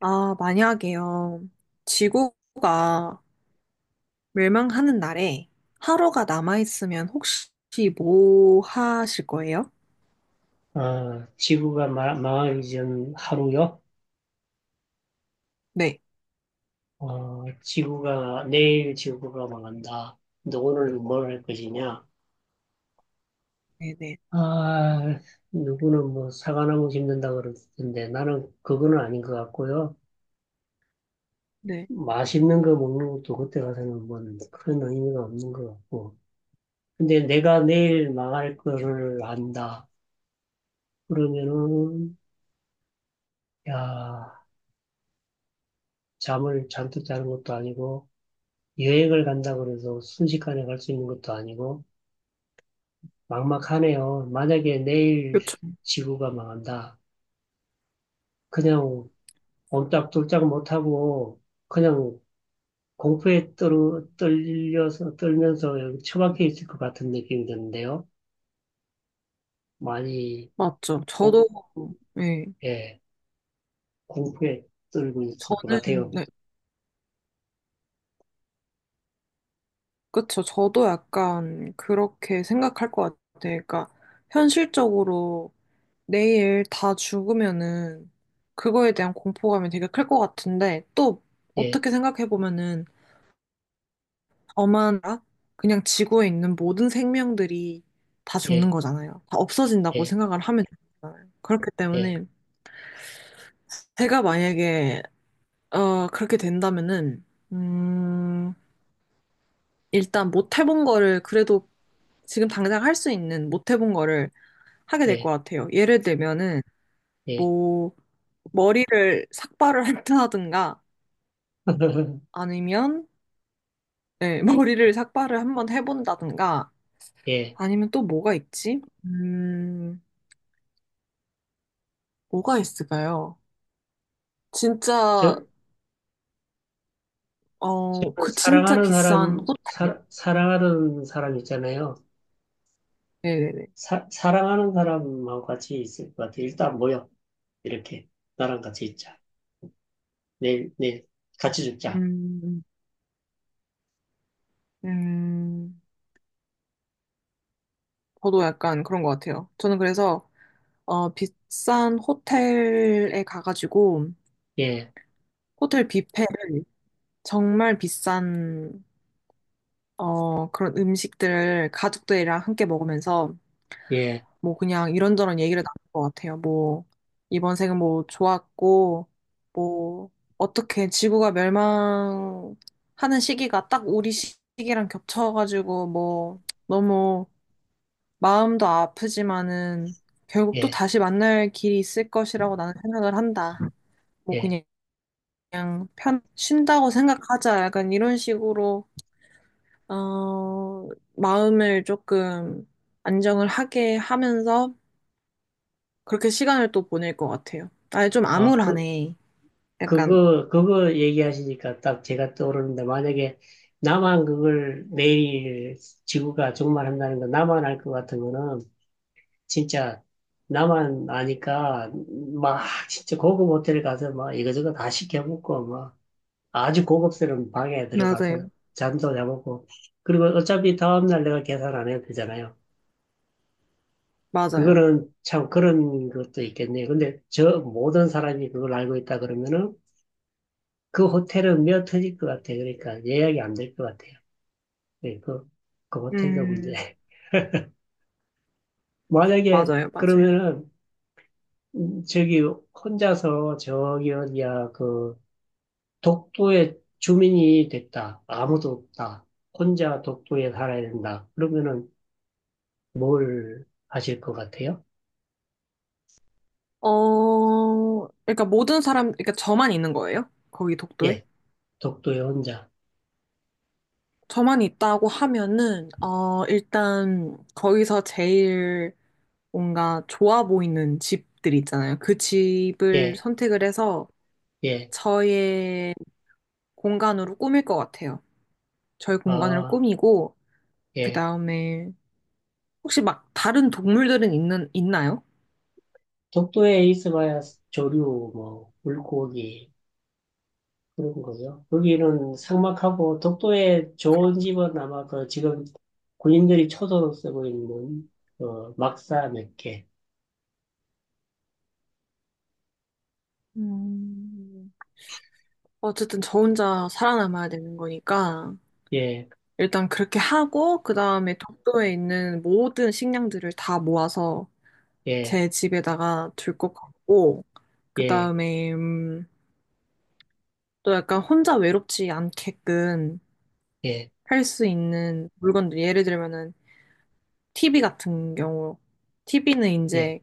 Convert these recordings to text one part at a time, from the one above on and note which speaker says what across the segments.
Speaker 1: 아, 만약에요. 지구가 멸망하는 날에 하루가 남아있으면 혹시 뭐 하실 거예요?
Speaker 2: 아, 지구가 망하기 전 하루요?
Speaker 1: 네,
Speaker 2: 어, 지구가, 내일 지구가 망한다. 너 오늘 뭘 할 것이냐?
Speaker 1: 네, 네,
Speaker 2: 아, 누구는 뭐 사과나무 심는다 그러던데 나는 그거는 아닌 것 같고요.
Speaker 1: 네.
Speaker 2: 맛있는 거 먹는 것도 그때 가서는 뭐 그런 의미가 없는 것 같고. 근데 내가 내일 망할 거를 안다. 그러면은, 야, 잠을 잔뜩 자는 것도 아니고, 여행을 간다 그래서 순식간에 갈 수 있는 것도 아니고, 막막하네요. 만약에 내일
Speaker 1: 몇 초?
Speaker 2: 지구가 망한다. 그냥 옴짝돌짝 못하고 그냥 공포에 떨면서 여기 처박혀 있을 것 같은 느낌이 드는데요. 많이,
Speaker 1: 맞죠.
Speaker 2: 오,
Speaker 1: 저도, 네.
Speaker 2: 예, 공포에 떨고 있을 것
Speaker 1: 저는,
Speaker 2: 같아요.
Speaker 1: 네. 그쵸. 저도 약간 그렇게 생각할 것 같아요. 그러니까, 현실적으로 내일 다 죽으면은 그거에 대한 공포감이 되게 클 것 같은데, 또
Speaker 2: 예,
Speaker 1: 어떻게 생각해보면은 엄하나 그냥 지구에 있는 모든 생명들이 다 죽는
Speaker 2: 예,
Speaker 1: 거잖아요. 다 없어진다고
Speaker 2: 예,
Speaker 1: 생각을 하면 되잖아요. 그렇기
Speaker 2: 예,
Speaker 1: 때문에 제가 만약에 그렇게 된다면은 음 일단 못 해본 거를 그래도 지금 당장 할 수 있는 못 해본 거를 하게 될 것
Speaker 2: 예,
Speaker 1: 같아요. 예를 들면은
Speaker 2: 예.
Speaker 1: 뭐 머리를 삭발을 한다든가 아니면 네, 머리를 삭발을 한번 해본다든가
Speaker 2: 예.
Speaker 1: 아니면 또 뭐가 있지? 뭐가 있을까요? 진짜,
Speaker 2: 저,
Speaker 1: 어,
Speaker 2: 저
Speaker 1: 그 진짜
Speaker 2: 사랑하는
Speaker 1: 비싼 호텔.
Speaker 2: 사랑하는 사람 있잖아요.
Speaker 1: 네네네.
Speaker 2: 사랑하는 사람하고 같이 있을 것 같아. 일단 모여. 이렇게. 나랑 같이 있자. 내일 같이 죽자.
Speaker 1: 음, 음, 저도 약간 그런 것 같아요. 저는 그래서, 어, 비싼 호텔에 가가지고,
Speaker 2: 예,
Speaker 1: 호텔 뷔페를 정말 비싼, 어, 그런 음식들을 가족들이랑 함께 먹으면서
Speaker 2: 예,
Speaker 1: 뭐 그냥 이런저런 얘기를 나눌 것 같아요. 뭐 이번 생은 뭐 좋았고 뭐 어떻게 지구가 멸망하는 시기가 딱 우리 시기랑 겹쳐가지고 뭐 너무 마음도 아프지만은 결국 또
Speaker 2: 예,
Speaker 1: 다시 만날 길이 있을 것이라고 나는 생각을 한다. 뭐
Speaker 2: 예.
Speaker 1: 그냥 편 쉰다고 생각하자. 약간 이런 식으로 어 마음을 조금 안정을 하게 하면서 그렇게 시간을 또 보낼 것 같아요. 아니, 좀
Speaker 2: 아,
Speaker 1: 암울하네. 약간,
Speaker 2: 그거 얘기하시니까 딱 제가 떠오르는데, 만약에 나만 그걸 내일 지구가 종말한다는 거 나만 알 것 같으면은, 진짜 나만 아니까 막 진짜 고급 호텔 가서 막 이거저거 다 시켜 먹고 막 아주 고급스러운 방에 들어가서
Speaker 1: 맞아요.
Speaker 2: 잠도 자보고 그리고 어차피 다음날 내가 계산 안 해도 되잖아요.
Speaker 1: 맞아요.
Speaker 2: 그거는 참 그런 것도 있겠네요. 근데 저 모든 사람이 그걸 알고 있다 그러면은 그 호텔은 몇어 터질 것 같아요. 그러니까 예약이 안 될 것 같아요. 네, 그, 그 호텔도 문제.
Speaker 1: 음,
Speaker 2: 만약에
Speaker 1: 맞아요. 맞아요.
Speaker 2: 그러면은 저기 혼자서 저기 어디야 그 독도의 주민이 됐다. 아무도 없다. 혼자 독도에 살아야 된다. 그러면은 뭘 하실 것 같아요?
Speaker 1: 어, 그러니까 모든 사람, 그러니까 저만 있는 거예요? 거기 독도에?
Speaker 2: 예, 독도의 혼자.
Speaker 1: 저만 있다고 하면은, 어, 일단, 거기서 제일 뭔가 좋아 보이는 집들 있잖아요. 그 집을
Speaker 2: 예,
Speaker 1: 선택을 해서
Speaker 2: 예,
Speaker 1: 저의 공간으로 꾸밀 것 같아요. 저의 공간으로
Speaker 2: 아,
Speaker 1: 꾸미고, 그
Speaker 2: 예.
Speaker 1: 다음에 혹시 막 다른 동물들은 있는, 있나요?
Speaker 2: 독도에 있어봐야 조류, 뭐, 물고기, 그런 거요. 여기는 삭막하고, 독도에 좋은 집은 아마 그 지금 군인들이 초도로 쓰고 있는, 어, 막사 몇 개.
Speaker 1: 음, 어쨌든 저 혼자 살아남아야 되는 거니까
Speaker 2: 예,
Speaker 1: 일단 그렇게 하고 그 다음에 독도에 있는 모든 식량들을 다 모아서
Speaker 2: 예,
Speaker 1: 제 집에다가 둘 것 같고 그
Speaker 2: 예,
Speaker 1: 다음에 또 약간 혼자 외롭지 않게끔
Speaker 2: 예,
Speaker 1: 할 수 있는 물건들 예를 들면은 TV 같은 경우 TV는
Speaker 2: 예,
Speaker 1: 이제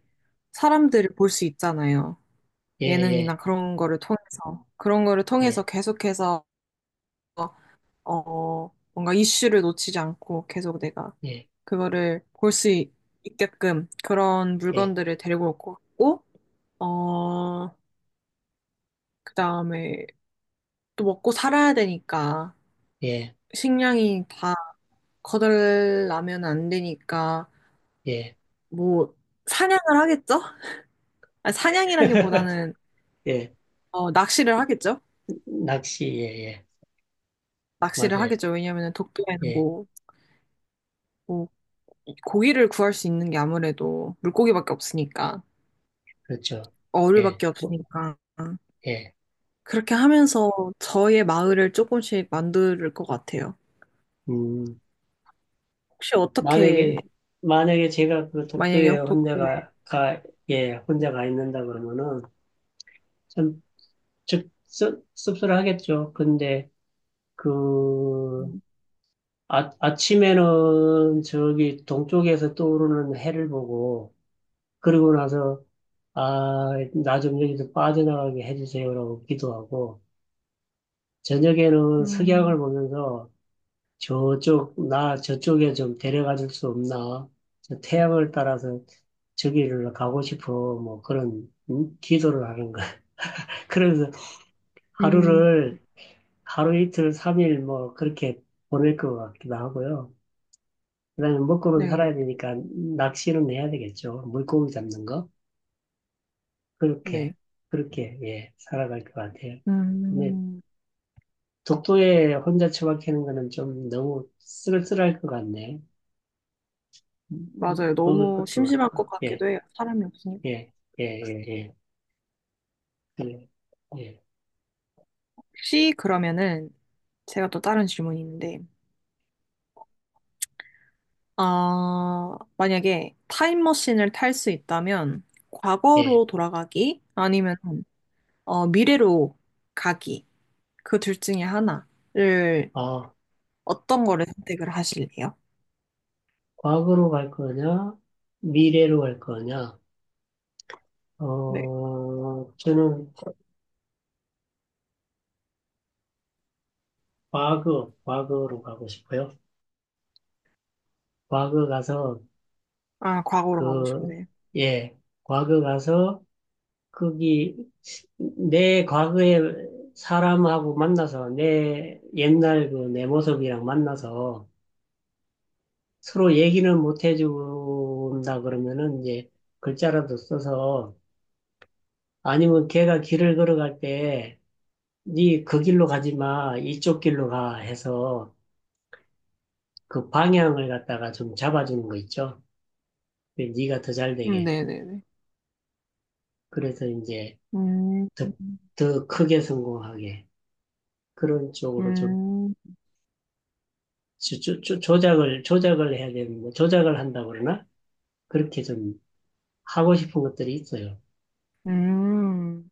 Speaker 1: 사람들을 볼 수 있잖아요.
Speaker 2: 예, 예,
Speaker 1: 예능이나 그런 거를 통해서, 그런 거를 통해서
Speaker 2: 예,
Speaker 1: 계속해서, 어, 뭔가 이슈를 놓치지 않고 계속 내가
Speaker 2: 예,
Speaker 1: 그거를 볼 수 있게끔 그런
Speaker 2: 예,
Speaker 1: 물건들을 데리고 올 것 같고, 어, 그 다음에 또 먹고 살아야 되니까,
Speaker 2: 예,
Speaker 1: 식량이 다 거덜나면 안 되니까,
Speaker 2: 예.
Speaker 1: 뭐, 사냥을 하겠죠? 아니, 사냥이라기보다는,
Speaker 2: 예,
Speaker 1: 어, 낚시를 하겠죠?
Speaker 2: 낚시, 예, 예.
Speaker 1: 낚시를
Speaker 2: 맞아요.
Speaker 1: 하겠죠. 왜냐면은 독도에는
Speaker 2: 예.
Speaker 1: 뭐, 뭐 고기를 구할 수 있는 게 아무래도 물고기밖에 없으니까,
Speaker 2: 그렇죠. 예,
Speaker 1: 어류밖에
Speaker 2: 뭐,
Speaker 1: 없으니까.
Speaker 2: 예.
Speaker 1: 그렇게 하면서 저의 마을을 조금씩 만들 것 같아요.
Speaker 2: 음,
Speaker 1: 혹시
Speaker 2: 만약에,
Speaker 1: 어떻게,
Speaker 2: 만약에 제가 그 독도에
Speaker 1: 만약에 도쿄에,
Speaker 2: 예, 혼자 가 있는다 그러면은 참 씁쓸하겠죠. 근데 그, 아, 아침에는 저기 동쪽에서 떠오르는 해를 보고, 그러고 나서, 아, 나 좀 여기서 빠져나가게 해주세요라고 기도하고, 저녁에는 석양을
Speaker 1: 음,
Speaker 2: 보면서 저쪽, 나 저쪽에 좀 데려가 줄 수 없나? 저 태양을 따라서 저기를 가고 싶어. 뭐 그런, 음? 기도를 하는 거야. 그래서
Speaker 1: 음,
Speaker 2: 하루를, 하루 이틀, 삼일 뭐 그렇게 보낼 것 같기도 하고요. 그다음에 먹고는 살아야
Speaker 1: 네네,
Speaker 2: 되니까 낚시는 해야 되겠죠. 물고기 잡는 거. 그렇게,
Speaker 1: 네.
Speaker 2: 그렇게, 예, 살아갈 것 같아요. 근데
Speaker 1: 음,
Speaker 2: 독도에 혼자 처박히는 거는 좀 너무 쓸쓸할 것 같네.
Speaker 1: 맞아요.
Speaker 2: 먹을
Speaker 1: 너무
Speaker 2: 것도
Speaker 1: 심심할 것
Speaker 2: 없고, 예.
Speaker 1: 같기도 해요. 사람이 없으니까.
Speaker 2: 예, 예, 예, 예, 예, 예,
Speaker 1: 혹시 그러면은, 제가 또 다른 질문이 있는데, 아, 만약에 타임머신을 탈 수 있다면,
Speaker 2: 예.
Speaker 1: 과거로 돌아가기? 아니면 미래로 가기. 그 둘 중에 하나를
Speaker 2: 아,
Speaker 1: 어떤 거를 선택을 하실래요?
Speaker 2: 과거로 갈 거냐, 미래로 갈 거냐?
Speaker 1: 네.
Speaker 2: 어, 저는 과거로 가고 싶어요. 과거 가서
Speaker 1: 아, 과거로 가고
Speaker 2: 그,
Speaker 1: 싶으세요?
Speaker 2: 예, 과거 가서 거기 내 과거의 사람하고 만나서 내 옛날 그 내 모습이랑 만나서 서로 얘기는 못 해준다 그러면은 이제 글자라도 써서 아니면 걔가 길을 걸어갈 때, 니 그 길로 가지 마, 이쪽 길로 가 해서 그 방향을 갖다가 좀 잡아주는 거 있죠? 네, 니가 더 잘 되게.
Speaker 1: 네네네.
Speaker 2: 그래서 이제
Speaker 1: 음,
Speaker 2: 더, 더 크게 성공하게. 그런 쪽으로 좀
Speaker 1: 음,
Speaker 2: 조작을, 조작을 해야 되는, 뭐 조작을 한다 그러나? 그렇게 좀 하고 싶은 것들이 있어요.
Speaker 1: 음.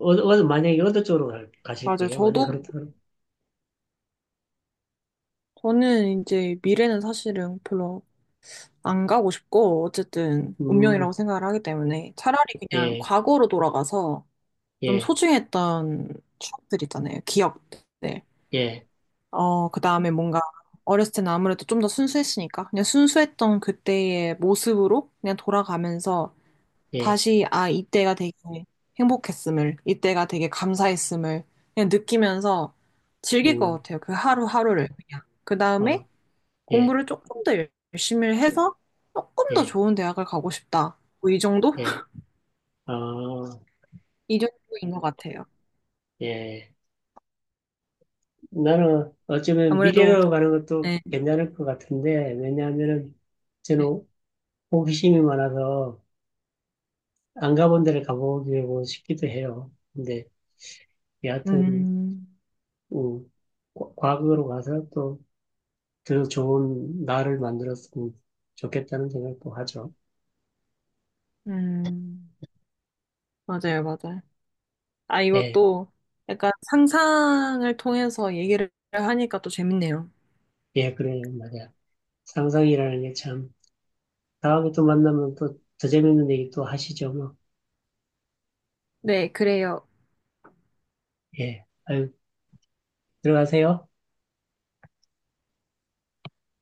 Speaker 2: 어, 어, 만약에 어느 쪽으로 가실
Speaker 1: 맞아요.
Speaker 2: 거예요? 만약에
Speaker 1: 저도,
Speaker 2: 그렇다면,
Speaker 1: 저는 이제 미래는 사실은 별로 안 가고 싶고, 어쨌든 운명이라고
Speaker 2: 음,
Speaker 1: 생각을 하기 때문에 차라리 그냥
Speaker 2: 예,
Speaker 1: 과거로 돌아가서 좀
Speaker 2: 예,
Speaker 1: 소중했던 추억들 있잖아요. 기억들.
Speaker 2: 예,
Speaker 1: 어, 그 다음에 뭔가 어렸을 때는 아무래도 좀 더 순수했으니까 그냥 순수했던 그때의 모습으로 그냥 돌아가면서
Speaker 2: 예,
Speaker 1: 다시 아, 이때가 되게 행복했음을, 이때가 되게 감사했음을 그냥 느끼면서 즐길 것
Speaker 2: 음,
Speaker 1: 같아요. 그 하루하루를 그냥. 그
Speaker 2: 어,
Speaker 1: 다음에
Speaker 2: 예,
Speaker 1: 공부를 조금 더 열심히 해서 조금 더
Speaker 2: 예.
Speaker 1: 좋은 대학을 가고 싶다. 뭐이 정도?
Speaker 2: 예. 아,
Speaker 1: 이 정도인 것 같아요.
Speaker 2: 예. 나는 어쩌면
Speaker 1: 아무래도,
Speaker 2: 미래로 가는 것도
Speaker 1: 네,
Speaker 2: 괜찮을 것 같은데, 왜냐하면은
Speaker 1: 네.
Speaker 2: 저는 호기심이 많아서 안 가본 데를 가보고 싶기도 해요. 근데 여하튼,
Speaker 1: 음,
Speaker 2: 음, 과거로 가서 또 더 좋은 나를 만들었으면 좋겠다는 생각도 하죠.
Speaker 1: 음, 맞아요, 맞아요. 아,
Speaker 2: 예,
Speaker 1: 이것도 약간 상상을 통해서 얘기를 하니까 또 재밌네요.
Speaker 2: 예, 그래요, 말이야. 상상이라는 게 참, 다음에 또 만나면 또 더 재밌는 얘기 또 하시죠, 뭐.
Speaker 1: 네, 그래요.
Speaker 2: 예, 아유, 들어가세요.